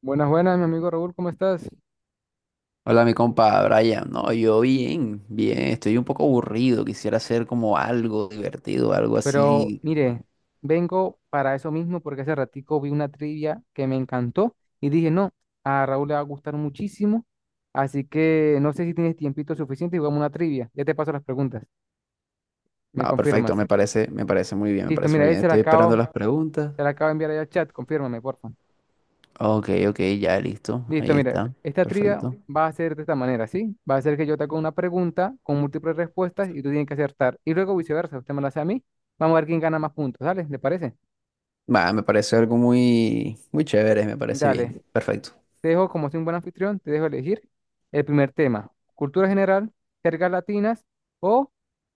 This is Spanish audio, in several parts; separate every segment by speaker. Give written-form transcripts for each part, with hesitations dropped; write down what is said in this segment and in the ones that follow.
Speaker 1: Buenas, buenas, mi amigo Raúl, ¿cómo estás?
Speaker 2: Hola, mi compa Brian. No, yo bien, bien. Estoy un poco aburrido. Quisiera hacer como algo divertido, algo
Speaker 1: Pero
Speaker 2: así.
Speaker 1: mire, vengo para eso mismo porque hace ratico vi una trivia que me encantó y dije, no, a Raúl le va a gustar muchísimo, así que no sé si tienes tiempito suficiente y jugamos una trivia. Ya te paso las preguntas, me
Speaker 2: Ah, perfecto.
Speaker 1: confirmas.
Speaker 2: Me parece muy bien, me
Speaker 1: Listo,
Speaker 2: parece
Speaker 1: mira,
Speaker 2: muy
Speaker 1: ahí
Speaker 2: bien. Estoy esperando las preguntas.
Speaker 1: se la acabo de enviar ahí al chat, confírmame, porfa.
Speaker 2: Ok, ok, ya listo.
Speaker 1: Listo,
Speaker 2: Ahí
Speaker 1: mira,
Speaker 2: está.
Speaker 1: esta trivia
Speaker 2: Perfecto.
Speaker 1: va a ser de esta manera, ¿sí? Va a ser que yo te hago una pregunta con múltiples respuestas y tú tienes que acertar y luego viceversa, usted me la hace a mí. Vamos a ver quién gana más puntos, ¿sale? ¿Le parece?
Speaker 2: Va, me parece algo muy, muy chévere. Me parece bien.
Speaker 1: Dale,
Speaker 2: Perfecto.
Speaker 1: te dejo, como soy un buen anfitrión, te dejo elegir el primer tema, cultura general, jergas latinas o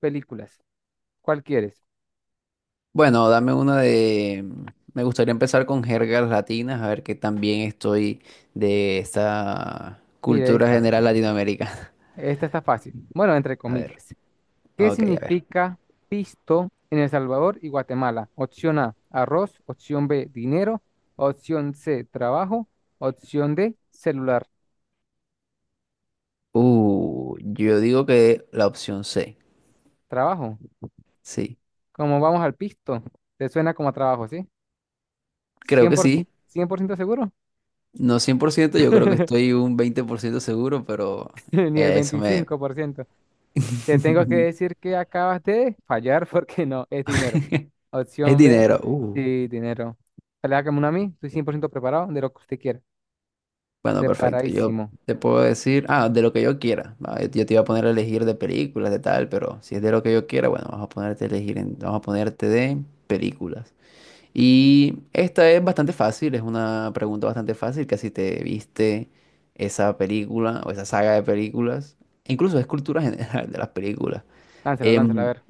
Speaker 1: películas. ¿Cuál quieres?
Speaker 2: Bueno, dame una de. Me gustaría empezar con jergas latinas, a ver qué tan bien estoy de esta
Speaker 1: Mire,
Speaker 2: cultura
Speaker 1: esta,
Speaker 2: general latinoamericana.
Speaker 1: esta está fácil. Bueno, entre
Speaker 2: A ver.
Speaker 1: comillas. ¿Qué
Speaker 2: Ok, a ver.
Speaker 1: significa pisto en El Salvador y Guatemala? Opción A, arroz, opción B, dinero, opción C, trabajo, opción D, celular,
Speaker 2: Yo digo que la opción C,
Speaker 1: trabajo.
Speaker 2: sí.
Speaker 1: ¿Como vamos al pisto? Te suena como a trabajo, ¿sí?
Speaker 2: Creo
Speaker 1: Cien
Speaker 2: que
Speaker 1: por
Speaker 2: sí.
Speaker 1: ciento, 100% seguro,
Speaker 2: No 100%, yo creo que estoy un 20% seguro, pero
Speaker 1: ni el
Speaker 2: eso me...
Speaker 1: 25%. Te tengo que decir que acabas de fallar porque no, es dinero.
Speaker 2: Es
Speaker 1: Opción
Speaker 2: dinero.
Speaker 1: B, sí, dinero. Dale, hágame una a mí, estoy 100% preparado de lo que usted quiera.
Speaker 2: Bueno, perfecto. Yo
Speaker 1: Preparadísimo.
Speaker 2: te puedo decir, de lo que yo quiera. Ah, Yo te iba a poner a elegir de películas, de tal, pero si es de lo que yo quiera, bueno, vamos a ponerte de películas. Y esta es bastante fácil, es una pregunta bastante fácil, que si te viste esa película o esa saga de películas, e incluso es cultura general de las películas.
Speaker 1: Lánzala, lánzala, a
Speaker 2: Em,
Speaker 1: ver.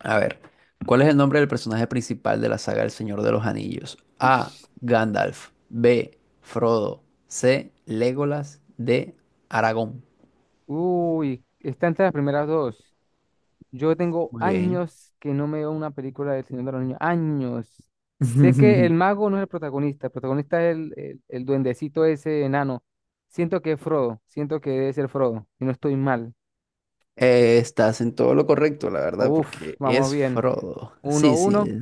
Speaker 2: a ver, ¿cuál es el nombre del personaje principal de la saga El Señor de los Anillos? A.
Speaker 1: Uish.
Speaker 2: Gandalf. B. Frodo. C. Legolas. D. Aragón.
Speaker 1: Uy, está entre las primeras dos. Yo tengo
Speaker 2: Muy bien.
Speaker 1: años que no me veo una película del Señor de los Niños. Años. Sé que el mago no es el protagonista es el duendecito ese enano. Siento que es Frodo, siento que debe ser Frodo, y no estoy mal.
Speaker 2: Estás en todo lo correcto, la verdad,
Speaker 1: Uf,
Speaker 2: porque
Speaker 1: vamos
Speaker 2: es
Speaker 1: bien.
Speaker 2: Frodo.
Speaker 1: Uno,
Speaker 2: Sí,
Speaker 1: uno.
Speaker 2: sí.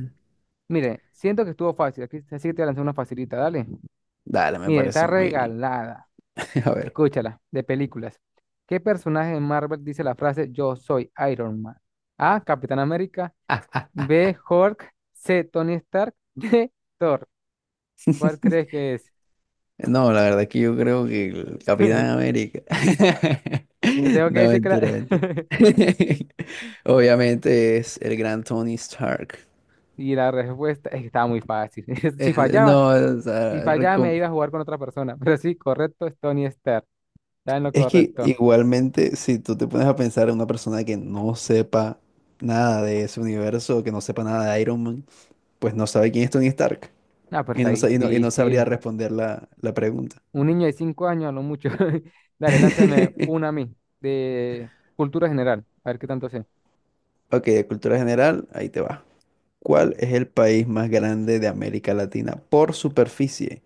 Speaker 1: Mire, siento que estuvo fácil. Aquí, así que te voy a lanzar una facilita, dale.
Speaker 2: Dale, me
Speaker 1: Mire, está
Speaker 2: parece muy bien.
Speaker 1: regalada.
Speaker 2: A ver,
Speaker 1: Escúchala, de películas. ¿Qué personaje de Marvel dice la frase "Yo soy Iron Man"? A. Capitán América. B. Hulk. C. Tony Stark. D. Thor. ¿Cuál crees que es?
Speaker 2: no, la verdad que yo creo que el Capitán América.
Speaker 1: Te tengo que
Speaker 2: No,
Speaker 1: decir que la...
Speaker 2: mentira, mentira. Obviamente es el gran Tony Stark.
Speaker 1: Y la respuesta es que estaba muy fácil. Si fallaba,
Speaker 2: No, o
Speaker 1: si
Speaker 2: sea,
Speaker 1: fallaba me iba a jugar con otra persona. Pero sí, correcto, es Tony Stark. Está en lo
Speaker 2: es que
Speaker 1: correcto.
Speaker 2: igualmente si tú te pones a pensar en una persona que no sepa nada de ese universo, que no sepa nada de Iron Man, pues no sabe quién es Tony Stark
Speaker 1: Ah, pero
Speaker 2: y
Speaker 1: está
Speaker 2: no, sa- y no, y no sabría
Speaker 1: difícil.
Speaker 2: responder la pregunta.
Speaker 1: Un niño de 5 años a lo mucho. Dale, lánzame una a mí, de cultura general, a ver qué tanto sé.
Speaker 2: Ok, de cultura general, ahí te va. ¿Cuál es el país más grande de América Latina por superficie?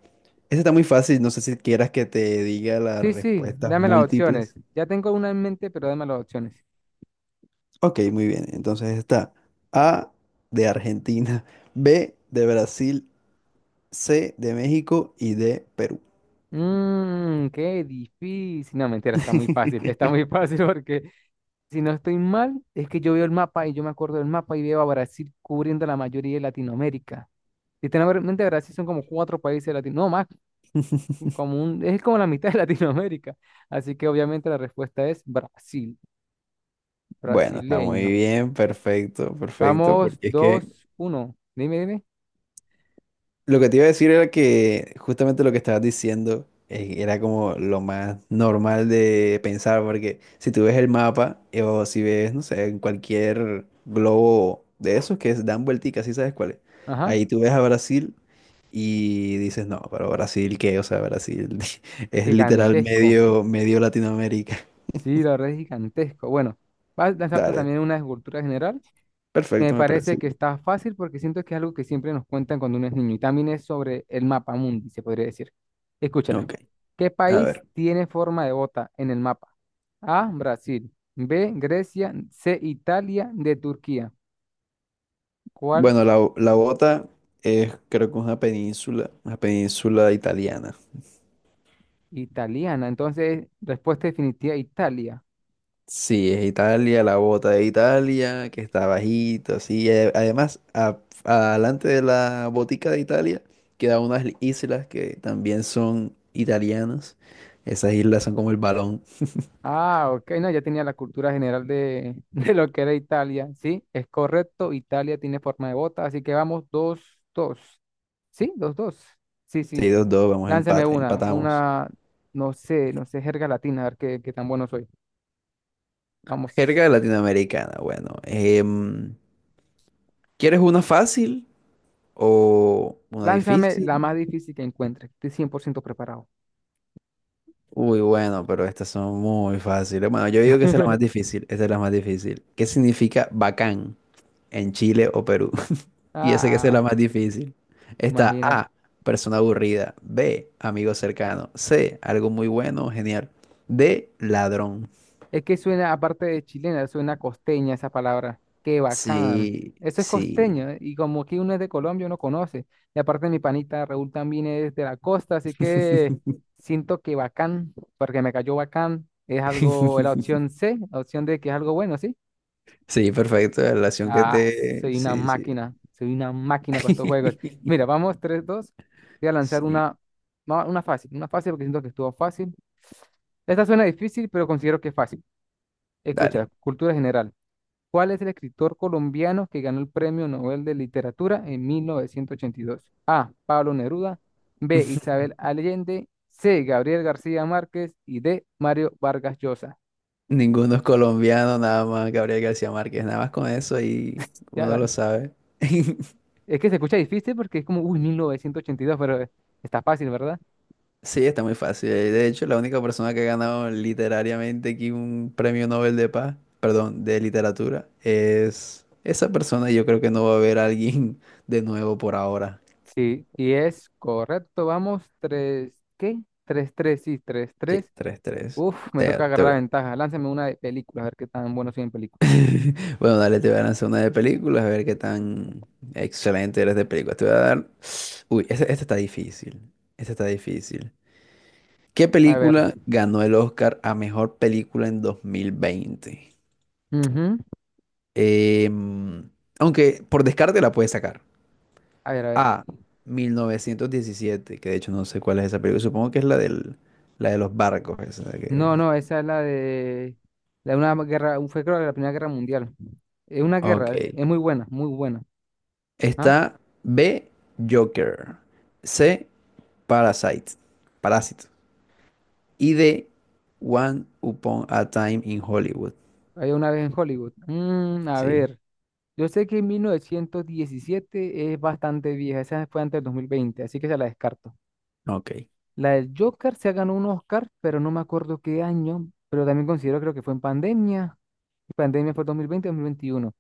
Speaker 2: Ese está muy fácil, no sé si quieras que te diga las
Speaker 1: Sí, sí,
Speaker 2: respuestas
Speaker 1: dame las opciones.
Speaker 2: múltiples.
Speaker 1: Ya tengo una en mente, pero dame las opciones.
Speaker 2: Ok, muy bien. Entonces está A de Argentina, B de Brasil, C de México y D Perú.
Speaker 1: Mmm, qué difícil. No, mentira, está muy fácil. Está muy fácil porque, si no estoy mal, es que yo veo el mapa y yo me acuerdo del mapa y veo a Brasil cubriendo la mayoría de Latinoamérica. Si tengo en mente, Brasil son como cuatro países de Latinoamérica. No, más, es como la mitad de Latinoamérica. Así que obviamente la respuesta es Brasil,
Speaker 2: Bueno, está muy
Speaker 1: brasileño.
Speaker 2: bien, perfecto, perfecto,
Speaker 1: Vamos,
Speaker 2: porque es que
Speaker 1: dos, uno. Dime, dime.
Speaker 2: lo que te iba a decir era que justamente lo que estabas diciendo era como lo más normal de pensar, porque si tú ves el mapa o si ves, no sé, en cualquier globo de esos que es- dan vuelticas, ¿sí sabes cuál es?
Speaker 1: Ajá.
Speaker 2: Ahí tú ves a Brasil y dices, no, pero Brasil, ¿qué? O sea, Brasil es literal
Speaker 1: Gigantesco.
Speaker 2: medio, medio Latinoamérica.
Speaker 1: Sí, la verdad es gigantesco. Bueno, vas a lanzarte
Speaker 2: Dale,
Speaker 1: también una escultura general. Me
Speaker 2: perfecto, me parece.
Speaker 1: parece que está fácil porque siento que es algo que siempre nos cuentan cuando uno es niño. Y también es sobre el mapa mundi, se podría decir. Escúchala.
Speaker 2: Ok,
Speaker 1: ¿Qué
Speaker 2: a
Speaker 1: país
Speaker 2: ver.
Speaker 1: tiene forma de bota en el mapa? A, Brasil. B, Grecia. C, Italia. D, Turquía. ¿Cuál?
Speaker 2: Bueno, la bota es creo que es una península italiana.
Speaker 1: Italiana. Entonces, respuesta definitiva, Italia.
Speaker 2: Sí, es Italia, la bota de Italia, que está bajito, así. Además, adelante de la botica de Italia quedan unas islas que también son italianas. Esas islas son como el balón.
Speaker 1: Ah, ok, no, ya tenía la cultura general de, de lo que era Italia. Sí, es correcto, Italia tiene forma de bota, así que vamos, dos, dos. Sí, dos, dos. Sí, sí,
Speaker 2: 6 dos dos, vamos a
Speaker 1: lánzame
Speaker 2: empate,
Speaker 1: una,
Speaker 2: empatamos.
Speaker 1: una, no sé, no sé, jerga latina, a ver qué tan bueno soy. Vamos,
Speaker 2: Jerga latinoamericana, bueno. ¿Quieres una fácil o una
Speaker 1: lánzame la
Speaker 2: difícil?
Speaker 1: más difícil que encuentre, estoy 100% preparado.
Speaker 2: Uy, bueno, pero estas son muy fáciles. Bueno, yo digo que esta es la más difícil, esta es la más difícil. ¿Qué significa bacán en Chile o Perú? Y ese que es la
Speaker 1: Ah,
Speaker 2: más difícil. Está
Speaker 1: imagina.
Speaker 2: A, persona aburrida. B, amigo cercano. C, algo muy bueno, genial. D, ladrón.
Speaker 1: Es que suena, aparte de chilena, suena costeña esa palabra. Qué bacán.
Speaker 2: Sí,
Speaker 1: Eso es costeño.
Speaker 2: sí.
Speaker 1: ¿Eh? Y como aquí uno es de Colombia, uno conoce. Y aparte mi panita Raúl también es de la costa, así que siento que bacán, porque me cayó bacán, es algo, es la opción C, la opción de que es algo bueno, ¿sí?
Speaker 2: Sí, perfecto. La relación que
Speaker 1: Ah,
Speaker 2: te... Sí, sí.
Speaker 1: soy una máquina para estos juegos. Mira, vamos, tres dos. Voy a lanzar
Speaker 2: Sí,
Speaker 1: una, no, una fácil, porque siento que estuvo fácil. Esta suena difícil, pero considero que es fácil.
Speaker 2: dale.
Speaker 1: Escucha, cultura general. ¿Cuál es el escritor colombiano que ganó el Premio Nobel de Literatura en 1982? A. Pablo Neruda, B. Isabel Allende, C. Gabriel García Márquez y D. Mario Vargas Llosa.
Speaker 2: Ninguno es colombiano, nada más Gabriel García Márquez. Nada más con eso y
Speaker 1: Ya,
Speaker 2: uno lo sabe.
Speaker 1: es que se escucha difícil porque es como, uy, 1982, pero está fácil, ¿verdad?
Speaker 2: Sí, está muy fácil. De hecho, la única persona que ha ganado literariamente aquí un premio Nobel de paz, perdón, de literatura, es esa persona. Y yo creo que no va a haber alguien de nuevo por ahora.
Speaker 1: Sí, y es correcto, vamos, 3, qué tres, tres, sí, tres,
Speaker 2: Sí,
Speaker 1: tres.
Speaker 2: tres tres.
Speaker 1: Uf, me
Speaker 2: Te-
Speaker 1: toca
Speaker 2: te
Speaker 1: agarrar la
Speaker 2: voy-
Speaker 1: ventaja. Lánzame una de películas, a ver qué tan bueno soy en películas.
Speaker 2: Bueno, dale, te voy a lanzar una de películas, a ver qué tan excelente eres de películas. Te voy a dar... Uy, esta está difícil. Esta está difícil. ¿Qué
Speaker 1: A ver,
Speaker 2: película ganó el Oscar a mejor película en 2020?
Speaker 1: ujú.
Speaker 2: Em, Aunque por descarte la puedes sacar.
Speaker 1: A ver, a ver.
Speaker 2: A. 1917, que de hecho no sé cuál es esa película. Supongo que es la del, la de los barcos. Esa que...
Speaker 1: No, no, esa es la de una guerra, fue creo que la Primera Guerra Mundial. Es una guerra,
Speaker 2: Ok.
Speaker 1: es muy buena, muy buena. ¿Ah?
Speaker 2: Está B. Joker. C. Parasite. Parásito. Y D. One Upon a Time in Hollywood.
Speaker 1: Hay una vez en Hollywood. Mm, a
Speaker 2: Sí.
Speaker 1: ver, yo sé que en 1917 es bastante vieja, esa fue antes del 2020, así que se la descarto.
Speaker 2: Ok.
Speaker 1: La del Joker se ganó un Oscar, pero no me acuerdo qué año, pero también considero, creo que fue en pandemia. Pandemia fue 2020, 2021.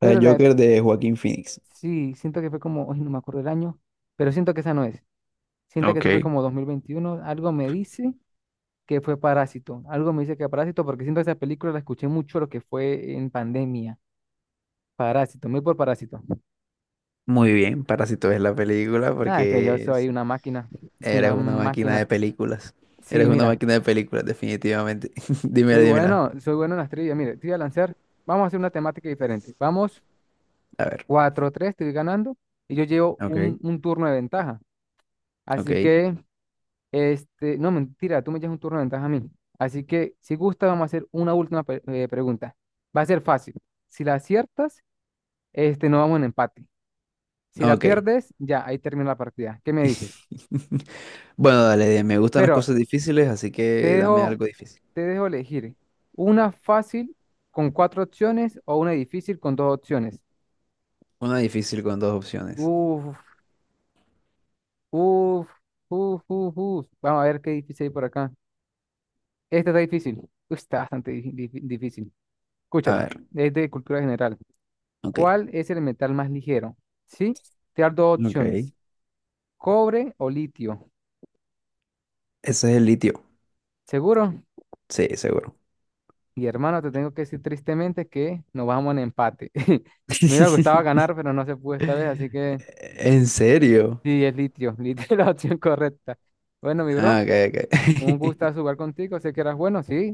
Speaker 2: El
Speaker 1: Pero la, de-
Speaker 2: Joker de Joaquín Phoenix.
Speaker 1: sí, siento que fue como, ay, no me acuerdo el año, pero siento que esa no es. Siento que eso fue
Speaker 2: Ok.
Speaker 1: como 2021. Algo me dice que fue Parásito. Algo me dice que Parásito, porque siento que esa película la escuché mucho lo que fue en pandemia. Parásito, muy por Parásito.
Speaker 2: Muy bien. Parásito es la película
Speaker 1: Ah, es que yo
Speaker 2: porque
Speaker 1: soy una máquina. Soy
Speaker 2: eres
Speaker 1: una
Speaker 2: una máquina
Speaker 1: máquina.
Speaker 2: de películas.
Speaker 1: Sí,
Speaker 2: Eres una
Speaker 1: mira,
Speaker 2: máquina de películas, definitivamente. Dímela,
Speaker 1: soy
Speaker 2: dímela.
Speaker 1: bueno, soy bueno en las trivias. Mire, te voy a lanzar. Vamos a hacer una temática diferente. Vamos
Speaker 2: A ver,
Speaker 1: cuatro tres, 3, estoy ganando y yo llevo
Speaker 2: ok.
Speaker 1: un turno de ventaja. Así
Speaker 2: Ok,
Speaker 1: que no, mentira, tú me echas un turno de ventaja a mí. Así que, si gusta, vamos a hacer una última pregunta. Va a ser fácil. Si la aciertas, no vamos en empate. Si la
Speaker 2: ok.
Speaker 1: pierdes, ya, ahí termina la partida. ¿Qué me dices?
Speaker 2: Bueno, dale, me gustan las
Speaker 1: Pero
Speaker 2: cosas difíciles, así
Speaker 1: te
Speaker 2: que dame
Speaker 1: dejo,
Speaker 2: algo difícil.
Speaker 1: te dejo elegir una fácil con cuatro opciones o una difícil con dos opciones.
Speaker 2: Una difícil con dos opciones.
Speaker 1: Uf, uf, uf, uf, uf. Vamos a ver qué difícil hay por acá. Esta está difícil. Uf, está bastante difícil.
Speaker 2: A
Speaker 1: Escúchala.
Speaker 2: ver,
Speaker 1: Es de cultura general.
Speaker 2: ok.
Speaker 1: ¿Cuál es el metal más ligero? Sí, te dar dos
Speaker 2: Ok. Ese
Speaker 1: opciones, cobre o litio.
Speaker 2: es el litio.
Speaker 1: ¿Seguro?
Speaker 2: Sí, seguro.
Speaker 1: Y hermano, te tengo que decir tristemente que nos vamos en empate. Me hubiera gustado ganar, pero no se pudo esta vez, así que
Speaker 2: ¿En serio?
Speaker 1: sí, es litio. Litio es la opción correcta. Bueno, mi bro,
Speaker 2: Ah, ok, ok.
Speaker 1: un gusto jugar contigo. Sé que eras bueno, sí.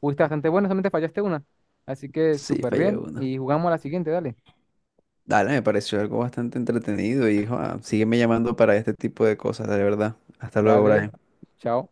Speaker 1: Fuiste bastante bueno, solamente fallaste una. Así que
Speaker 2: Sí,
Speaker 1: súper
Speaker 2: fallé
Speaker 1: bien.
Speaker 2: uno.
Speaker 1: Y jugamos a la siguiente, dale.
Speaker 2: Dale, me pareció algo bastante entretenido y joa, sígueme llamando para este tipo de cosas, de verdad. Hasta luego,
Speaker 1: Dale,
Speaker 2: Brian.
Speaker 1: chao.